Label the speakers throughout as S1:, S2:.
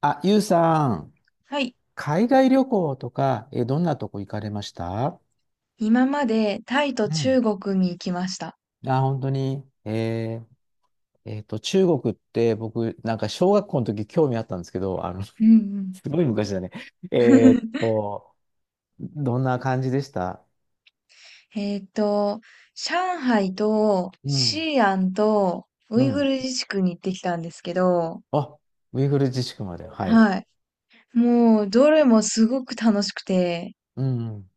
S1: あ、ゆうさん、
S2: はい。
S1: 海外旅行とか、どんなとこ行かれました？
S2: 今までタイと
S1: うん。
S2: 中国に行きました。
S1: あ、本当に。ー中国って僕、なんか小学校の時興味あったんですけど、あの、
S2: う ん
S1: すごい昔だね。
S2: う
S1: えーっ
S2: ん。
S1: と、どんな感じでした？
S2: えっと、上海と
S1: うん。
S2: 西安とウ
S1: う
S2: イグ
S1: ん。
S2: ル自治区に行ってきたんですけど、
S1: あ、ウイグル自治区まで。はい。
S2: はい。もう、どれもすごく楽しくて、
S1: うん。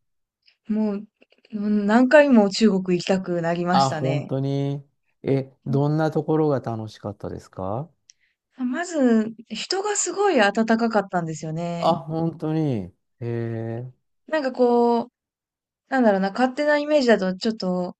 S2: もう、うん何回も中国行きたくなりまし
S1: あ、
S2: た
S1: 本
S2: ね。
S1: 当に。どんなところが楽しかったですか？
S2: まず、人がすごい温かかったんですよ
S1: あ、
S2: ね。
S1: 本当に。えー
S2: なんかこう、なんだろうな、勝手なイメージだとちょっと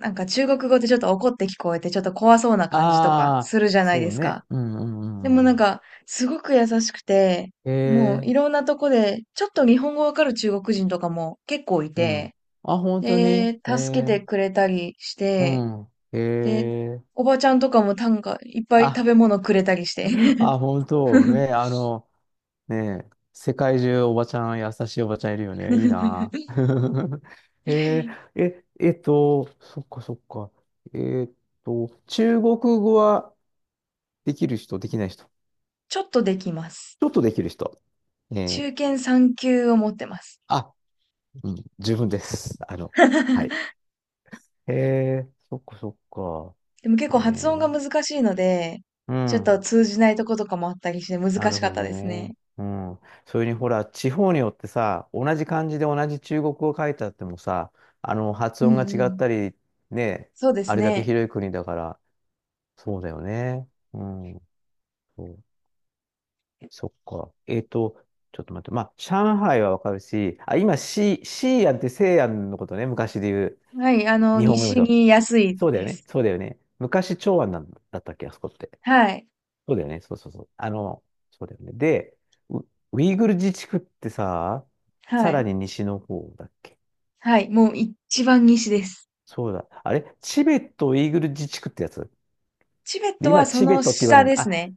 S2: なんか中国語ってちょっと怒って聞こえて、ちょっと怖そうな感じとか
S1: あ
S2: する
S1: あ、
S2: じゃない
S1: そ
S2: で
S1: う
S2: すか。
S1: ね。うんうんう
S2: でもな
S1: ん
S2: ん
S1: うん。
S2: か、すごく優しくて、
S1: へ
S2: もう
S1: え、
S2: いろんなとこで、ちょっと日本語わかる中国人とかも結構い
S1: うん。
S2: て、
S1: あ、本当に。
S2: で、
S1: へ
S2: 助け
S1: え、
S2: てくれたりし
S1: う
S2: て、
S1: ん。へ
S2: で、
S1: え、
S2: おばちゃんとかもなんかいっぱい食
S1: あ、
S2: べ物くれたりして。
S1: あ、本当ね。ね、世界中おばちゃん、優しいおばちゃんいるよね。いいな。へえ、そっかそっか。えっ中国語はできる人、できない人。
S2: ちょっとできます。
S1: ちょっとできる人。ねえ
S2: 中
S1: ー
S2: 堅3級を持ってます。
S1: あ、うん、十分です。はい。へえ、そっかそっか。
S2: でも結
S1: え
S2: 構発音が
S1: ー、
S2: 難しいので、
S1: う
S2: ちょっと
S1: ん。
S2: 通じないとことかもあったりして難
S1: な
S2: し
S1: る
S2: かっ
S1: ほ
S2: た
S1: ど
S2: です
S1: ね。
S2: ね。
S1: うん。それにほら、地方によってさ、同じ漢字で同じ中国語を書いてあってもさ、発
S2: う
S1: 音
S2: ん
S1: が
S2: う
S1: 違っ
S2: ん。
S1: たり、ね、
S2: そうで
S1: あ
S2: す
S1: れだけ
S2: ね。
S1: 広い国だから、そうだよね。うん。そう。そっか。ちょっと待って。まあ、上海はわかるし、あ、今、シーアンって西安のことね、昔で言う。
S2: はい、あの、
S1: 日本語でも
S2: 西
S1: そう。
S2: に安い
S1: そうだよ
S2: で
S1: ね。
S2: す。
S1: そうだよね。昔、長安なんだったっけ、あそこって。
S2: はい、
S1: そうだよね。そうそうそう。そうだよね。で、ウ、ウイグル自治区ってさ、
S2: は
S1: さら
S2: い、
S1: に西の方だっけ？
S2: はい、もう一番西です。
S1: そうだ。あれチベットウイグル自治区ってやつ？
S2: チベッ
S1: で、
S2: トは
S1: 今、
S2: そ
S1: チベッ
S2: の
S1: トって言われ
S2: 下
S1: る
S2: で
S1: の？
S2: す
S1: あ、
S2: ね。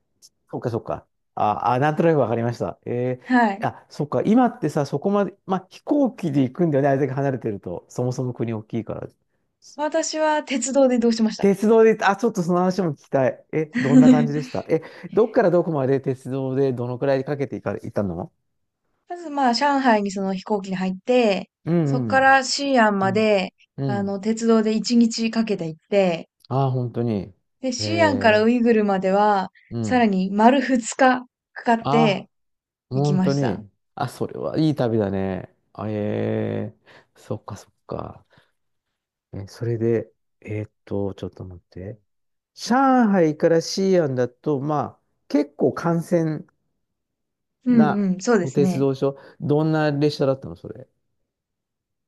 S1: そっかそっか。あ、あ、なんとなくわかりました。
S2: はい。
S1: あ、そっか。今ってさ、そこまで、まあ、飛行機で行くんだよね。あれだけ離れてると。そもそも国大きいから。
S2: 私は鉄道で移動しました。
S1: 鉄道で、あ、ちょっとその話も聞きたい。え、どんな感じでし た？え、どっからどこまで鉄道でどのくらいかけて行ったの？
S2: まずまあ、上海にその飛行機に入って、
S1: う
S2: そこ
S1: ん、う
S2: か
S1: ん、
S2: ら西安
S1: う
S2: ま
S1: ん。
S2: で、
S1: う
S2: あ
S1: ん。
S2: の、鉄道で一日かけて行って、
S1: ああ、本当に。
S2: で、
S1: え
S2: シアンから
S1: え、
S2: ウイグルまでは、
S1: う
S2: さら
S1: ん。
S2: に丸2日かかっ
S1: あ
S2: て
S1: あ、
S2: 行き
S1: 本
S2: ま
S1: 当
S2: した。
S1: に。あ、それはいい旅だね。あ、ええ、そっかそっか。それで、ちょっと待って。上海から西安だと、まあ、結構幹線
S2: うん
S1: な
S2: うん、そうで
S1: お
S2: す
S1: 鉄
S2: ね。
S1: 道所。どんな列車だったの、それ？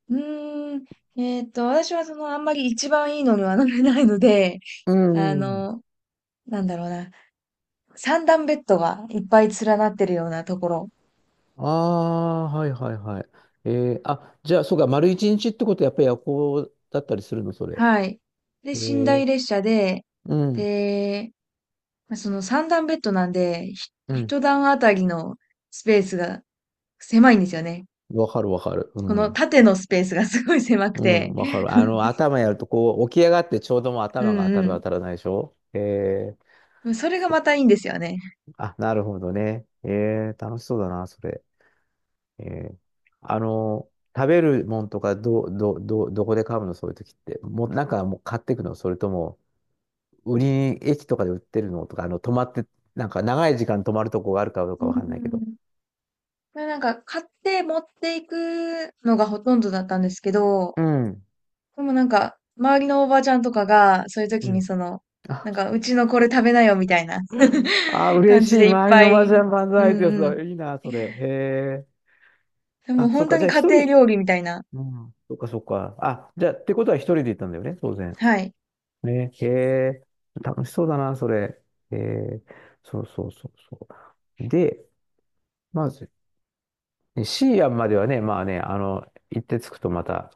S2: うーん、私はその、あんまり一番いいのには乗れないので、
S1: う
S2: あ
S1: ん。
S2: の、なんだろうな、三段ベッドがいっぱい連なってるようなところ。
S1: ああ、はいはいはい。えあ、じゃあ、そうか、丸一日ってことはやっぱり夜行だったりするの、それ？
S2: はい。で、
S1: え
S2: 寝
S1: ー、
S2: 台列車で、
S1: うん、
S2: で、まあその三段ベッドなんで、
S1: うん。
S2: 一段あたりのスペースが狭いんですよね。
S1: わかるわかる。う
S2: この
S1: ん。
S2: 縦のスペースがすごい狭く
S1: うん、
S2: て。
S1: わかる。あの、頭やると、こう、起き上がってちょうどもう
S2: う
S1: 頭が当
S2: ん
S1: た
S2: う
S1: る当
S2: ん。
S1: たらないでしょ？
S2: それが
S1: そ
S2: またいいんですよね。
S1: あ、なるほどね。楽しそうだな、それ。えー、あの、食べるもんとか、どこで買うの、そういう時って？もう、なんかもう買ってくの？それとも、売りに、駅とかで売ってるのとか、泊まって、なんか長い時間泊まるとこがあるかどう
S2: う
S1: かわかんないけど。
S2: ん。これなんか買って持っていくのがほとんどだったんですけど、
S1: うん。
S2: でもなんか周りのおばちゃんとかがそういう
S1: う
S2: 時に
S1: ん。
S2: その、なんかうちのこれ食べなよみたいな
S1: ああ、
S2: 感
S1: 嬉し
S2: じ
S1: い。
S2: でいっ
S1: 周り
S2: ぱ
S1: の麻
S2: い、う
S1: 雀万
S2: ん
S1: 歳ってやつ
S2: うん。
S1: だ。いいな、それ。へえ。
S2: でも
S1: あ、そっ
S2: 本当
S1: か。じ
S2: に
S1: ゃあ、
S2: 家
S1: 一
S2: 庭
S1: 人。
S2: 料理みたいな。
S1: うん。そっか、そっか。あ、じゃあ、ってことは一人で行ったんだよね、当然。
S2: はい。
S1: ね。へえ。楽しそうだな、それ。へえ。そうそうそうそう。で、まず、ねシーアンまではね、まあね、行って着くとまた、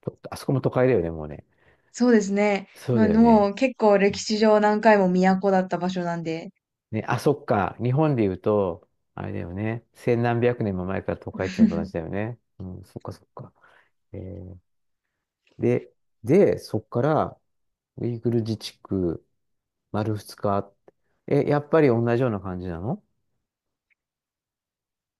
S1: とあそこも都会だよね、もうね。
S2: そうですね。
S1: そう
S2: ま
S1: だ
S2: あ
S1: よ
S2: も
S1: ね。
S2: う結構歴史上何回も都だった場所なんで。
S1: ね、あ、そっか。日本で言うと、あれだよね。千何百年も前から都会っていうのと同じだ よね。うん、そっかそっか。えーで、で、そこから、ウイグル自治区、丸二日。え、やっぱり同じような感じなの？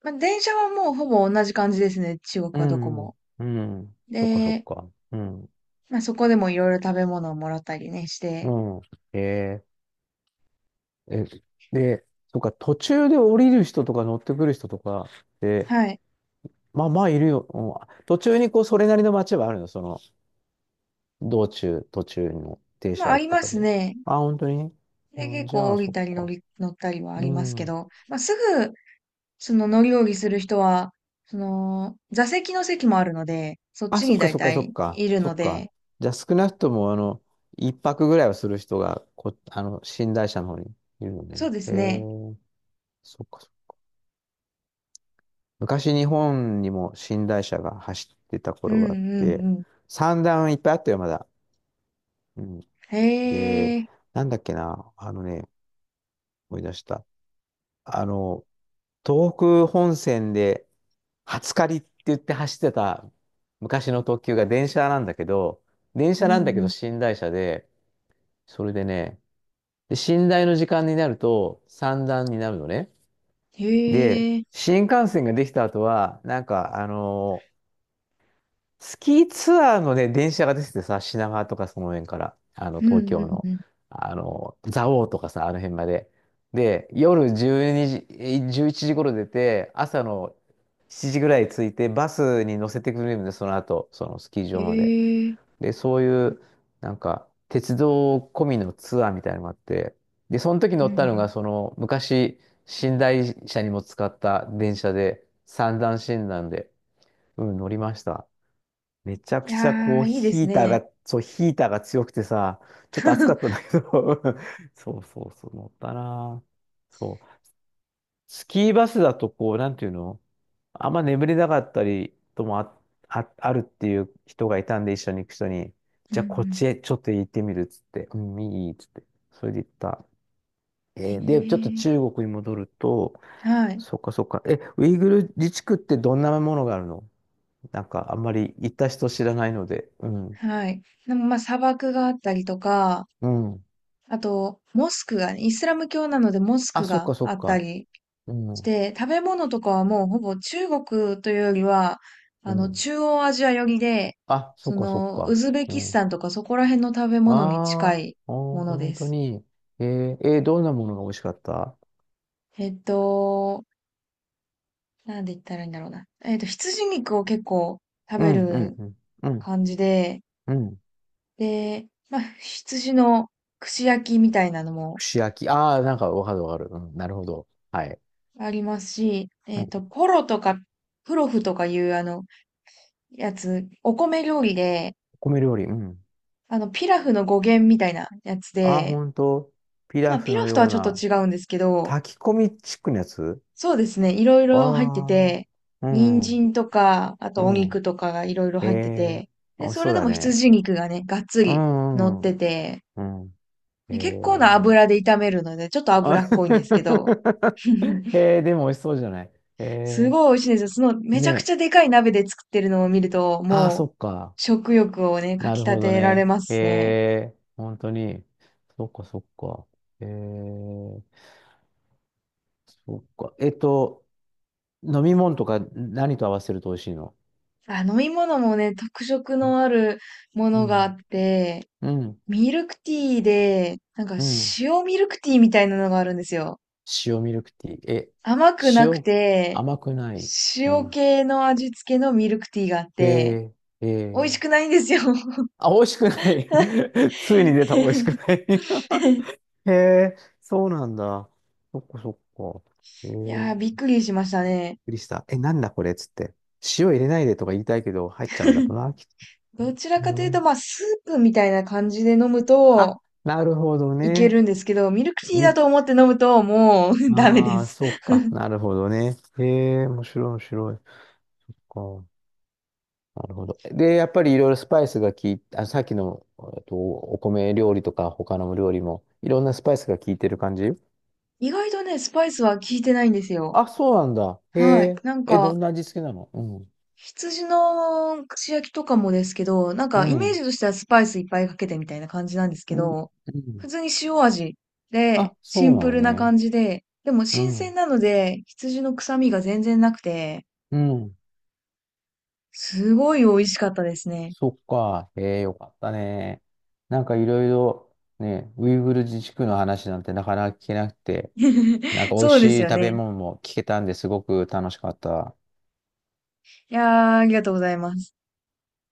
S2: まあ電車はもうほぼ同じ感じですね。中国
S1: う
S2: はどこも。
S1: ん。うん。そっかそっ
S2: で、
S1: か。うん。
S2: まあ、そこでもいろいろ食べ物をもらったりね、して、
S1: うん。えー、え、で、そっか、途中で降りる人とか乗ってくる人とかって、
S2: はい。
S1: まあまあいるよ。うん、途中にこう、それなりの街はあるの？その、道中、途中の停
S2: まあ、
S1: 車
S2: あ
S1: 駅
S2: り
S1: と
S2: ま
S1: か
S2: す
S1: で。
S2: ね。
S1: あ、本当に。
S2: で、
S1: う
S2: 結
S1: ん、じ
S2: 構
S1: ゃあ、
S2: 降り
S1: そっ
S2: たり
S1: か。
S2: 乗ったりはあ
S1: う
S2: りますけ
S1: ん。
S2: ど、まあ、すぐ、その乗り降りする人は、その、座席の席もあるので、そっ
S1: あ、
S2: ち
S1: そっ
S2: に
S1: か
S2: 大
S1: そっかそ
S2: 体
S1: っか、
S2: いる
S1: そ
S2: の
S1: っか。
S2: で、
S1: じゃあ少なくとも、あの、一泊ぐらいはする人があの、寝台車の方にいるの
S2: そ
S1: ね。
S2: うで
S1: へ
S2: すね。
S1: え、そっかそっか。昔日本にも寝台車が走ってた
S2: う
S1: 頃
S2: んう
S1: があっ
S2: ん
S1: て、
S2: うん。
S1: 三段いっぱいあったよ、まだ。うん。で、
S2: へえ、
S1: なんだっけな、あのね、思い出した。あの、東北本線で、初借りって言って走ってた昔の特急が電車なんだけど、電
S2: う
S1: 車
S2: ん
S1: な
S2: う
S1: んだけど
S2: ん。
S1: 寝台車で、それでね、で、寝台の時間になると三段になるのね。
S2: へ
S1: で、
S2: え、
S1: 新幹線ができた後は、なんか、スキーツアーのね、電車が出ててさ、品川とかその辺から、
S2: う
S1: 東
S2: んう
S1: 京
S2: ん
S1: の、
S2: うん。
S1: 蔵王とかさ、あの辺まで。で、夜12時、1時頃出て、朝の7時ぐらい着いて、バスに乗せてくれるんで、その後、そのスキー
S2: へ
S1: 場まで。
S2: え、
S1: で、そういう、なんか、鉄道込みのツアーみたいなのがあって、で、その時
S2: う
S1: 乗
S2: んう
S1: っ
S2: ん。
S1: たのが、その、昔、寝台車にも使った電車で、三段診断で、うん、乗りました。めちゃ
S2: い
S1: くちゃ、
S2: や
S1: こう、
S2: ー、いいです
S1: ヒーター
S2: ね。
S1: が、そう、ヒーターが強くてさ、ちょっと暑かったんだ けど、そうそうそう、乗ったなぁ。そう。スキーバスだとこう、なんていうの？あんま眠れなかったりともあ、あるっていう人がいたんで、一緒に行く人に、
S2: うん
S1: じ
S2: う
S1: ゃあこっ
S2: ん。
S1: ちへちょっと行ってみるっつって、うん、いいっつって、それで行った。
S2: へ
S1: で、ちょっと
S2: え、
S1: 中国に戻ると、
S2: はい。
S1: そっかそっか、え、ウイグル自治区ってどんなものがあるの？なんかあんまり行った人知らないので、うん、
S2: はい。でもまあ砂漠があったりとか、
S1: うん。
S2: あと、モスクがね、イスラム教なのでモス
S1: あ、
S2: ク
S1: そっ
S2: が
S1: かそ
S2: あ
S1: っ
S2: った
S1: か、
S2: り
S1: う
S2: し
S1: ん、
S2: て、食べ物とかはもうほぼ中国というよりは、
S1: う
S2: あの、
S1: ん。
S2: 中央アジア寄りで、
S1: あ、そっ
S2: そ
S1: かそっ
S2: の、ウ
S1: か、
S2: ズベ
S1: う
S2: キス
S1: ん。
S2: タンとかそこら辺の食べ物に
S1: あ
S2: 近い
S1: ーあー、
S2: もの
S1: 本
S2: で
S1: 当
S2: す。
S1: に。えどんなものが美味しかった？
S2: えっと、なんで言ったらいいんだろうな。羊肉を結構食
S1: う
S2: べ
S1: ん、うん、
S2: る
S1: うん、うん、
S2: 感じで、
S1: うん。
S2: で、まあ、羊の串焼きみたいなのも
S1: 串焼き。ああ、なんかわかるわかる。うん、なるほど。はい。
S2: ありますし、
S1: うん、
S2: ポロとか、プロフとかいうあの、やつ、お米料理で、
S1: 米料理。うん。
S2: あの、ピラフの語源みたいなやつ
S1: ああ、
S2: で、
S1: 本当。ピ
S2: ま
S1: ラ
S2: あ、
S1: フ
S2: ピラ
S1: の
S2: フと
S1: よ
S2: は
S1: う
S2: ちょっと
S1: な、
S2: 違うんですけど、
S1: 炊き込みチックのやつ？
S2: そうですね、いろいろ入って
S1: あ
S2: て、
S1: あー、う
S2: 人
S1: ん、
S2: 参とか、あ
S1: う
S2: とお
S1: ん。
S2: 肉とかがいろいろ
S1: え
S2: 入って
S1: え
S2: て、
S1: ー、
S2: で、
S1: 美味し
S2: そ
S1: そ
S2: れ
S1: う
S2: で
S1: だ
S2: も
S1: ね。
S2: 羊肉がね、がっつ
S1: う
S2: り乗っ
S1: ん、う
S2: て
S1: ん、
S2: て、
S1: うん。え
S2: で
S1: え
S2: 結構な
S1: ー、
S2: 油で炒めるので、ちょっと
S1: あ
S2: 脂っこいんですけど、
S1: でも美味しそうじゃない。え
S2: す
S1: え
S2: ごい美味しいんですよ。その、
S1: ー、
S2: めち
S1: ね
S2: ゃくち
S1: え。
S2: ゃでかい鍋で作ってるのを見ると、
S1: ああ、そ
S2: もう、
S1: っか。
S2: 食欲をね、か
S1: な
S2: き
S1: る
S2: 立
S1: ほど
S2: てられ
S1: ね。
S2: ま
S1: え
S2: すね。
S1: え、本当に。そっかそっか。ええ、そっか。飲み物とか何と合わせると美味しいの？
S2: あ、飲み物もね、特色のあるも
S1: う
S2: のがあっ
S1: ん。
S2: て、
S1: うん。
S2: ミルクティーで、なんか
S1: うん。
S2: 塩ミルクティーみたいなのがあるんですよ。
S1: 塩ミルクティー。え、
S2: 甘くなく
S1: 塩、
S2: て、
S1: 甘くない？う
S2: 塩
S1: ん。
S2: 系の味付けのミルクティーがあっ
S1: え
S2: て、
S1: え、え
S2: 美味し
S1: え。
S2: くないんですよ。
S1: あ、美味しくない。ついに出た、美味しくない。へえ、そうなんだ。そっかそっか。へ
S2: いやー、びっ
S1: え、
S2: くりしましたね。
S1: くりした。え、なんだこれっつって。塩入れないでとか言いたいけど、入っちゃうんだろうな、きっ
S2: どちら
S1: と
S2: かというと、
S1: な。
S2: まあ、スープみたいな感じで飲む
S1: あ、
S2: と、
S1: なるほど
S2: いけ
S1: ね。
S2: るんですけど、ミルクティー
S1: み、
S2: だと思って飲むと、もう ダメで
S1: ああ、
S2: す。
S1: そうか。なるほどね。へえ、面白い、面白い。そっか。なるほど。で、やっぱりいろいろスパイスが効いて、あ、さっきの、お米料理とか他の料理も、いろんなスパイスが効いてる感じ？
S2: 意外とね、スパイスは効いてないんですよ。
S1: あ、そうなんだ。へ
S2: はい。
S1: え。
S2: なん
S1: え、ど
S2: か、
S1: んな味付けなの？うん。
S2: 羊の串焼きとかもですけど、なん
S1: う
S2: かイメージ
S1: ん。
S2: としてはスパイスいっぱいかけてみたいな感じなんですけ
S1: うん。
S2: ど、
S1: う
S2: 普
S1: ん。
S2: 通に塩味で、
S1: あ、
S2: シ
S1: そう
S2: ン
S1: な
S2: プ
S1: の
S2: ルな
S1: ね。
S2: 感じで、でも
S1: う
S2: 新鮮
S1: ん。
S2: なので、羊の臭みが全然なくて、
S1: うん。
S2: すごい美味しかったですね。
S1: そっか。ええ、よかったね。なんかいろいろね、ウイグル自治区の話なんてなかなか聞けなくて、なん か美味
S2: そうです
S1: しい
S2: よ
S1: 食べ
S2: ね。
S1: 物も聞けたんですごく楽しかった。
S2: いやー、ありがとうございます。